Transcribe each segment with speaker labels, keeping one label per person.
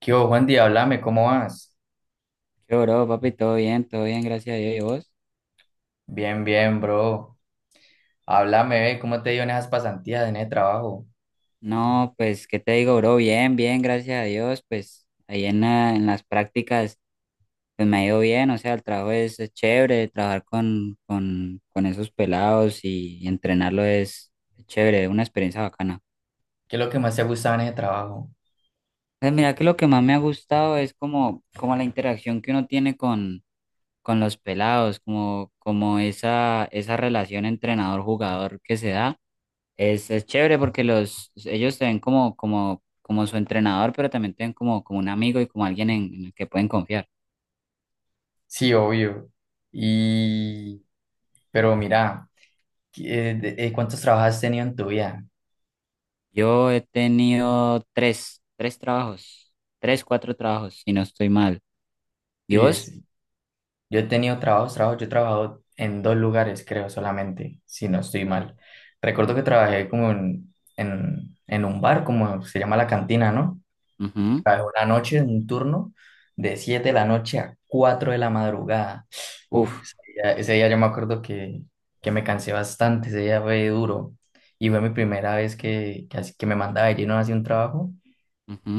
Speaker 1: ¿Qué hubo, Juan Di? Háblame, ¿cómo vas?
Speaker 2: Yo, bro, papi, todo bien, gracias a Dios. ¿Y vos?
Speaker 1: Bien, bien, bro. Háblame, ve, ¿cómo te dio en esas pasantías, en ese trabajo?
Speaker 2: No, pues, ¿qué te digo, bro? Bien, bien, gracias a Dios. Pues, en las prácticas, pues me ha ido bien. O sea, el trabajo es chévere, trabajar con esos pelados y entrenarlo es chévere, una experiencia bacana.
Speaker 1: ¿Qué es lo que más te ha gustado en ese trabajo?
Speaker 2: Pues, mira que lo que más me ha gustado es como la interacción que uno tiene con los pelados, como esa relación entrenador-jugador que se da. Es chévere porque ellos te ven como su entrenador, pero también te ven como un amigo y como alguien en el que pueden confiar.
Speaker 1: Sí, obvio. Y, pero mira, ¿cuántos trabajos has tenido en tu vida?
Speaker 2: Yo he tenido tres, tres trabajos, tres, cuatro trabajos, si no estoy mal. ¿Y
Speaker 1: Y
Speaker 2: vos?
Speaker 1: es- yo he tenido yo he trabajado en dos lugares, creo, solamente, si no estoy
Speaker 2: ¿Qué?
Speaker 1: mal. Recuerdo que trabajé como en un bar, como se llama la cantina, ¿no?
Speaker 2: Ujú.
Speaker 1: ¿Sabes? Una noche, un turno de 7 de la noche a 4 de la madrugada. Uf,
Speaker 2: Uf,
Speaker 1: ese día yo me acuerdo que me cansé bastante, ese día fue duro. Y fue mi primera vez que me mandaba de lleno hacia un trabajo.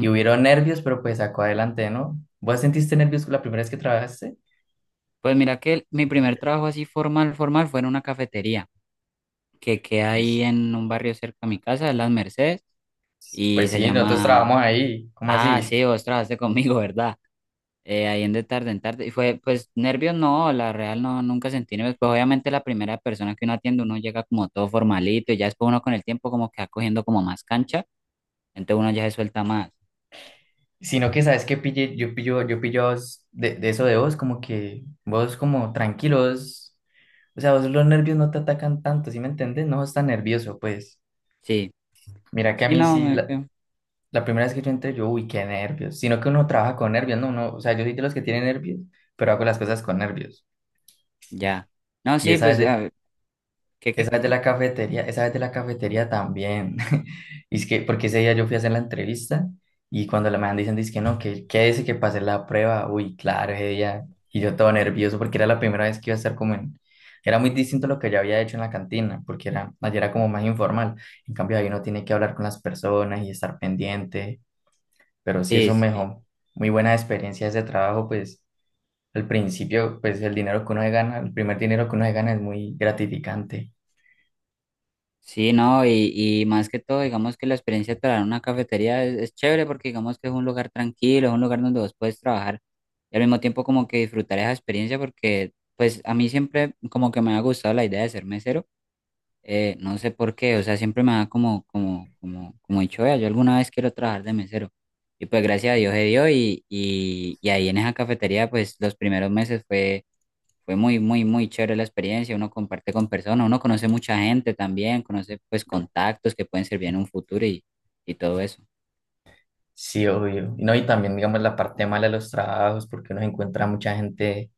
Speaker 1: Y hubieron nervios, pero pues sacó adelante, ¿no? ¿Vos sentiste nervios la primera vez que trabajaste?
Speaker 2: Pues mira que mi primer trabajo así formal, formal, fue en una cafetería que queda ahí
Speaker 1: Pues
Speaker 2: en un barrio cerca a mi casa, en Las Mercedes, y
Speaker 1: pues
Speaker 2: se
Speaker 1: sí, nosotros
Speaker 2: llama...
Speaker 1: trabajamos ahí, ¿cómo
Speaker 2: Ah,
Speaker 1: así?
Speaker 2: sí, vos trabajaste conmigo, ¿verdad? Ahí en de tarde en tarde. Y fue, pues, nervios no, la real no, nunca sentí nervios. Pues obviamente la primera persona que uno atiende, uno llega como todo formalito y ya después uno con el tiempo como que va cogiendo como más cancha, entonces uno ya se suelta más.
Speaker 1: Sino que sabes que pille, yo pillo a vos de eso de vos, como que vos como tranquilos. O sea, vos los nervios no te atacan tanto, ¿sí me entiendes? No estás nervioso, pues.
Speaker 2: Sí,
Speaker 1: Mira que a
Speaker 2: sí,
Speaker 1: mí
Speaker 2: no,
Speaker 1: sí, la, la primera vez que yo entré, yo, uy, qué nervios. Sino que uno trabaja con nervios, no, uno. O sea, yo soy de los que tienen nervios, pero hago las cosas con nervios.
Speaker 2: ya. No,
Speaker 1: Y
Speaker 2: sí,
Speaker 1: esa
Speaker 2: pues,
Speaker 1: vez de-
Speaker 2: ya, ¿qué, qué,
Speaker 1: Esa
Speaker 2: qué,
Speaker 1: vez de
Speaker 2: qué?
Speaker 1: la cafetería, esa vez de la cafetería también. Y es que, porque ese día yo fui a hacer la entrevista y cuando la me dicen, dice que no, que quédese que pasé la prueba. Uy, claro, ese día. Y yo todo nervioso porque era la primera vez que iba a estar como en... Era muy distinto a lo que ya había hecho en la cantina, porque era, allá era como más informal. En cambio, ahí uno tiene que hablar con las personas y estar pendiente. Pero sí,
Speaker 2: Sí,
Speaker 1: eso
Speaker 2: sí.
Speaker 1: mejor. Muy buena experiencia ese trabajo, pues al principio, pues el dinero que uno se gana, el primer dinero que uno se gana es muy gratificante.
Speaker 2: Sí, no, y más que todo, digamos que la experiencia de trabajar en una cafetería es chévere porque digamos que es un lugar tranquilo, es un lugar donde vos puedes trabajar y al mismo tiempo como que disfrutar esa experiencia, porque pues a mí siempre como que me ha gustado la idea de ser mesero. No sé por qué, o sea, siempre me da como dicho, "Vea, yo alguna vez quiero trabajar de mesero". Y pues gracias a Dios se dio, y ahí en esa cafetería pues los primeros meses fue muy, muy, muy chévere la experiencia. Uno comparte con personas, uno conoce mucha gente también, conoce pues contactos que pueden servir en un futuro y todo eso.
Speaker 1: Sí, obvio. Y no, y también, digamos, la parte mala de los trabajos, porque uno encuentra mucha gente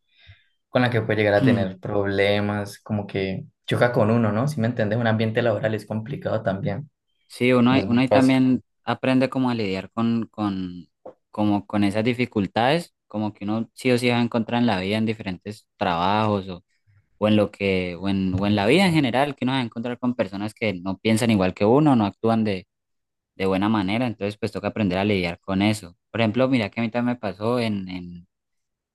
Speaker 1: con la que puede llegar a tener problemas, como que choca con uno, ¿no? Si me entiendes, un ambiente laboral es complicado también.
Speaker 2: Sí,
Speaker 1: No es
Speaker 2: uno
Speaker 1: muy
Speaker 2: ahí
Speaker 1: fácil,
Speaker 2: también aprende como a lidiar como con esas dificultades, como que uno sí o sí va a encontrar en la vida en diferentes trabajos, o en lo que, o en la vida en general, que uno va a encontrar con personas que no piensan igual que uno, no actúan de buena manera, entonces pues toca aprender a lidiar con eso. Por ejemplo, mira que a mí también me pasó en, en,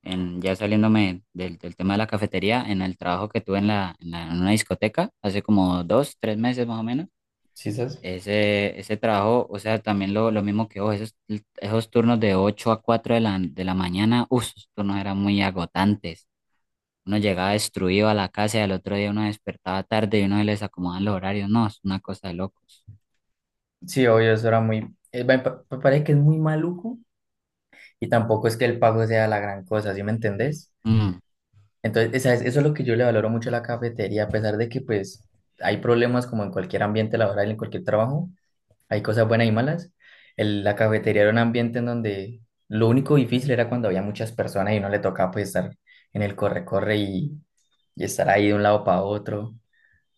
Speaker 2: en ya saliéndome del tema de la cafetería, en el trabajo que tuve en una discoteca hace como dos, tres meses más o menos.
Speaker 1: ¿sí sabes?
Speaker 2: Ese trabajo, o sea, también lo mismo que vos, esos turnos de 8 a 4 de la mañana, uff, esos turnos eran muy agotantes. Uno llegaba destruido a la casa y al otro día uno despertaba tarde y uno se les acomodaban los horarios. No, es una cosa de locos.
Speaker 1: Sí, obvio, eso era muy... me me parece que es muy maluco y tampoco es que el pago sea la gran cosa, ¿sí me entendés?
Speaker 2: Mm,
Speaker 1: Entonces, eso es lo que yo le valoro mucho a la cafetería, a pesar de que pues hay problemas como en cualquier ambiente laboral, en cualquier trabajo. Hay cosas buenas y malas. La cafetería era un ambiente en donde lo único difícil era cuando había muchas personas y no le tocaba pues estar en el corre-corre y estar ahí de un lado para otro.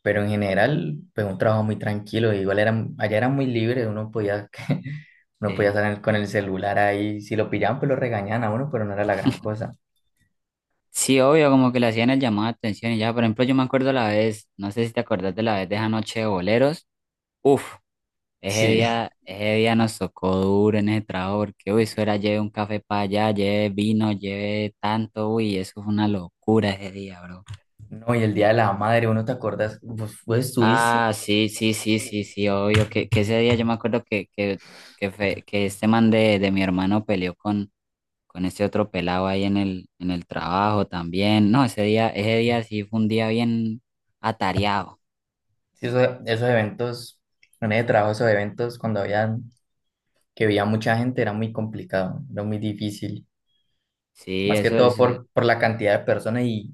Speaker 1: Pero en general, pues un trabajo muy tranquilo. Igual era, allá era muy libre, uno podía, uno podía
Speaker 2: sí.
Speaker 1: salir con el celular ahí. Si lo pillaban, pues lo regañaban a uno, pero no era la gran cosa.
Speaker 2: Sí, obvio, como que le hacían el llamado de atención y ya. Por ejemplo, yo me acuerdo la vez, no sé si te acordás, de la vez de esa noche de boleros. Uf, ese
Speaker 1: Sí,
Speaker 2: día, ese día nos tocó duro en ese trabajo, porque, uy, eso era lleve un café para allá, lleve vino, lleve tanto. Uy, eso fue una locura ese día, bro.
Speaker 1: no, y el Día de la Madre, ¿uno te acuerdas? ¿Vos, vos estuviste?
Speaker 2: Ah, sí, sí, sí, sí, sí, obvio, que ese día yo me acuerdo que este man de mi hermano peleó con este otro pelado ahí en el trabajo también. No, ese día sí fue un día bien atareado.
Speaker 1: Sí, esos eventos, en ese trabajo, esos eventos cuando habían que veía mucha gente era muy complicado, era muy difícil,
Speaker 2: Sí,
Speaker 1: más que
Speaker 2: eso
Speaker 1: todo
Speaker 2: es.
Speaker 1: por la cantidad de personas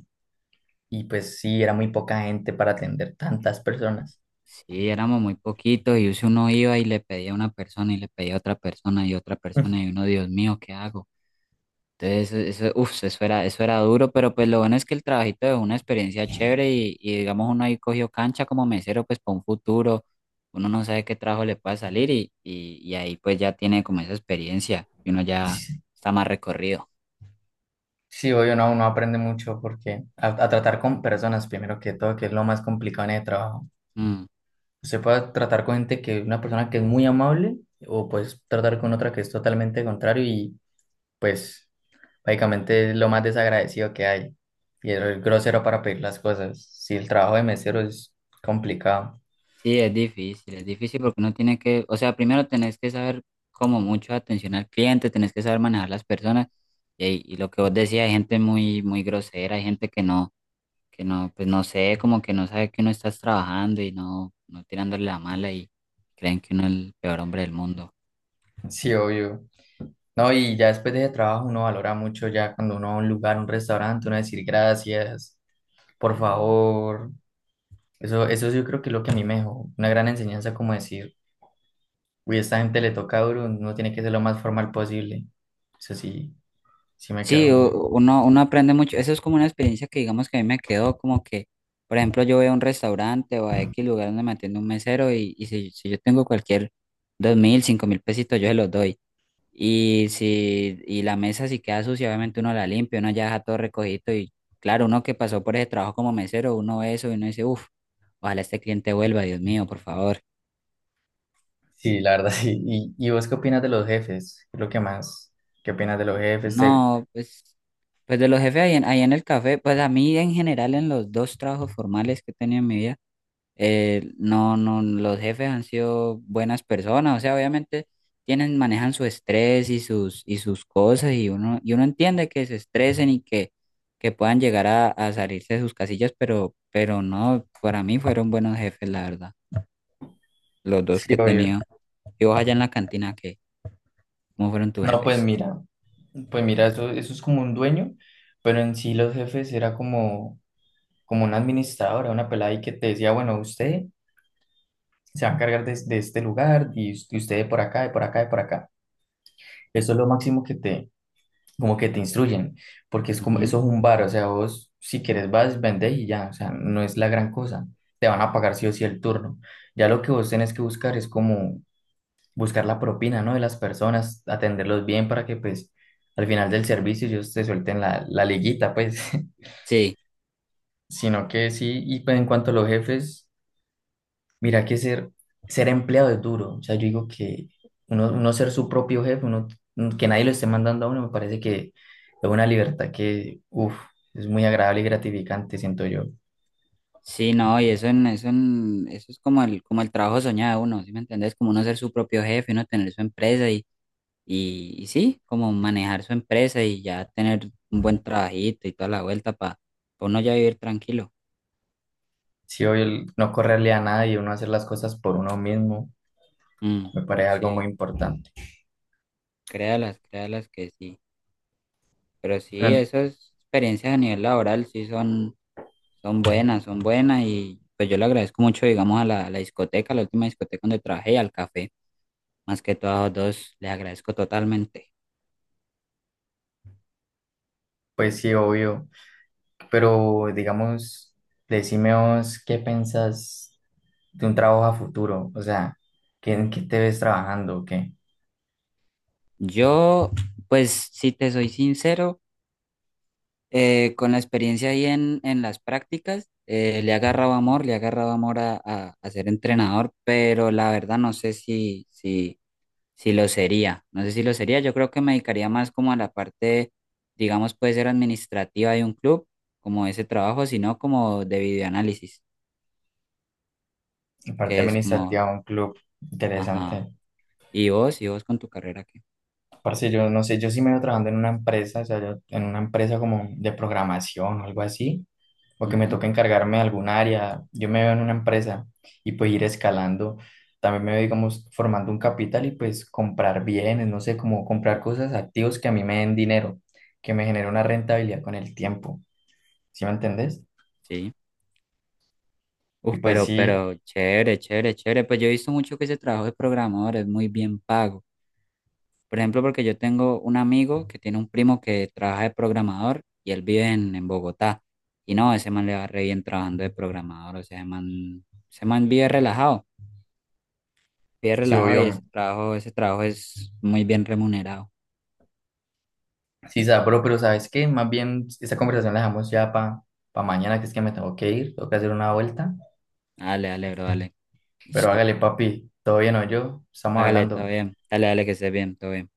Speaker 1: y pues sí, era muy poca gente para atender tantas personas.
Speaker 2: Sí, éramos muy poquitos, y si uno iba y le pedía a una persona y le pedía a otra persona y otra persona, y uno, Dios mío, ¿qué hago? Entonces, eso, uf, eso era duro, pero pues lo bueno es que el trabajito es una experiencia chévere, y digamos uno ahí cogió cancha como mesero pues para un futuro. Uno no sabe qué trabajo le pueda salir, y ahí pues ya tiene como esa experiencia y uno ya está más recorrido.
Speaker 1: Sí, obvio, no, uno aprende mucho porque a tratar con personas, primero que todo, que es lo más complicado en el trabajo.
Speaker 2: Mm.
Speaker 1: Se puede tratar con gente que una persona que es muy amable o pues tratar con otra que es totalmente contrario y pues básicamente es lo más desagradecido que hay y es grosero para pedir las cosas. Sí, el trabajo de mesero es complicado.
Speaker 2: Sí, es difícil, es difícil, porque uno tiene que, o sea, primero tenés que saber como mucho atención al cliente, tenés que saber manejar las personas, y lo que vos decías, hay gente muy, muy grosera, hay gente que no, pues no sé, como que no sabe que uno estás trabajando y no tirándole la mala, y creen que uno es el peor hombre del mundo.
Speaker 1: Sí, obvio. No, y ya después de ese trabajo uno valora mucho ya cuando uno va a un lugar, un restaurante, uno decir gracias, por favor. Eso yo creo que es lo que a mí me dejó una gran enseñanza como decir, uy, a esta gente le toca duro, uno tiene que ser lo más formal posible. Eso sí, sí me quedó
Speaker 2: Sí,
Speaker 1: muy...
Speaker 2: uno aprende mucho. Eso es como una experiencia que digamos que a mí me quedó como que, por ejemplo, yo voy a un restaurante o a X lugar donde me atiende un mesero, y si yo tengo cualquier 2.000, 5.000 pesitos, yo se los doy. Y si y la mesa si queda sucia, obviamente uno la limpia, uno ya deja todo recogido y, claro, uno que pasó por ese trabajo como mesero, uno ve eso y uno dice, uff, ojalá este cliente vuelva, Dios mío, por favor.
Speaker 1: Sí, la verdad, sí. Y vos qué opinas de los jefes? ¿Qué es lo que más? ¿Qué opinas de los jefes?
Speaker 2: No, pues, pues de los jefes ahí en, ahí en el café, pues a mí, en general, en los dos trabajos formales que he tenido en mi vida, no, no, los jefes han sido buenas personas. O sea, obviamente manejan su estrés y sus cosas, y uno entiende que se estresen y que puedan llegar a salirse de sus casillas, pero no, para mí fueron buenos jefes, la verdad, los dos
Speaker 1: Sí,
Speaker 2: que he
Speaker 1: obvio.
Speaker 2: tenido. Y vos allá en la cantina, ¿qué? ¿Cómo fueron tus
Speaker 1: No,
Speaker 2: jefes?
Speaker 1: pues mira, eso es como un dueño, pero en sí los jefes era como... como una administradora, una pelada ahí que te decía, bueno, usted se va a encargar de este lugar y, y usted de por acá, de por acá, de por acá. Eso es lo máximo que te, como que te instruyen, porque es como,
Speaker 2: Ujú.
Speaker 1: eso es un bar, o sea, vos si quieres vas, vendés y ya, o sea, no es la gran cosa. Te van a pagar sí o sí el turno. Ya lo que vos tenés que buscar es como buscar la propina, ¿no? De las personas, atenderlos bien para que pues al final del servicio ellos te suelten la, la liguita, pues.
Speaker 2: Sí,
Speaker 1: Sino que sí, y pues en cuanto a los jefes, mira que ser empleado es duro. O sea, yo digo que uno ser su propio jefe, uno, que nadie lo esté mandando a uno, me parece que es una libertad que, uff, es muy agradable y gratificante, siento yo.
Speaker 2: sí, no, eso es como el trabajo soñado de uno, ¿sí me entendés? Como uno ser su propio jefe, uno tener su empresa, y sí, como manejar su empresa y ya tener un buen trabajito y toda la vuelta para uno ya vivir tranquilo.
Speaker 1: Si hoy el no correrle a nadie, uno hacer las cosas por uno mismo,
Speaker 2: Mm,
Speaker 1: me parece algo muy
Speaker 2: sí,
Speaker 1: importante.
Speaker 2: créalas, créalas que sí. Pero sí,
Speaker 1: Pero,
Speaker 2: esas experiencias a nivel laboral sí son buenas, son buenas, y pues yo le agradezco mucho, digamos, a la discoteca, a la última discoteca donde trabajé y al café. Más que todo a los dos, les agradezco totalmente.
Speaker 1: pues sí, obvio. Pero digamos, decime vos, ¿qué pensás de un trabajo a futuro? O sea, ¿en qué te ves trabajando? O ¿qué?
Speaker 2: Yo, pues, si te soy sincero, con la experiencia ahí en las prácticas, le ha agarrado amor, le ha agarrado amor a ser entrenador, pero la verdad no sé si, si lo sería, no sé si lo sería. Yo creo que me dedicaría más como a la parte, digamos, puede ser administrativa de un club, como ese trabajo, sino como de videoanálisis,
Speaker 1: En parte
Speaker 2: que es como,
Speaker 1: administrativa, un club
Speaker 2: ajá.
Speaker 1: interesante.
Speaker 2: ¿Y vos, y vos con tu carrera que
Speaker 1: Parce, yo no sé, yo sí me veo trabajando en una empresa, o sea, yo en una empresa como de programación o algo así, o que me toca encargarme de algún área, yo me veo en una empresa y pues ir escalando, también me veo, digamos, formando un capital y pues comprar bienes, no sé, como comprar cosas, activos que a mí me den dinero, que me genere una rentabilidad con el tiempo, ¿sí me entendés?
Speaker 2: sí.
Speaker 1: Y
Speaker 2: Uf,
Speaker 1: pues sí,
Speaker 2: pero chévere, chévere, chévere. Pues yo he visto mucho que ese trabajo de programador es muy bien pago. Por ejemplo, porque yo tengo un amigo que tiene un primo que trabaja de programador y él vive en Bogotá. Y no, ese man le va re bien trabajando de programador. O sea, ese man vive relajado, vive
Speaker 1: sí,
Speaker 2: relajado, y
Speaker 1: obvio,
Speaker 2: ese trabajo es muy bien remunerado.
Speaker 1: sí, sabro, pero ¿sabes qué? Más bien esta conversación la dejamos ya para mañana, que es que me tengo que ir, tengo que hacer una vuelta.
Speaker 2: Dale, dale, bro, dale.
Speaker 1: Pero
Speaker 2: Listo.
Speaker 1: hágale, papi, todavía no yo, estamos
Speaker 2: Hágale, todo
Speaker 1: hablando.
Speaker 2: bien. Dale, dale, que esté bien, todo bien.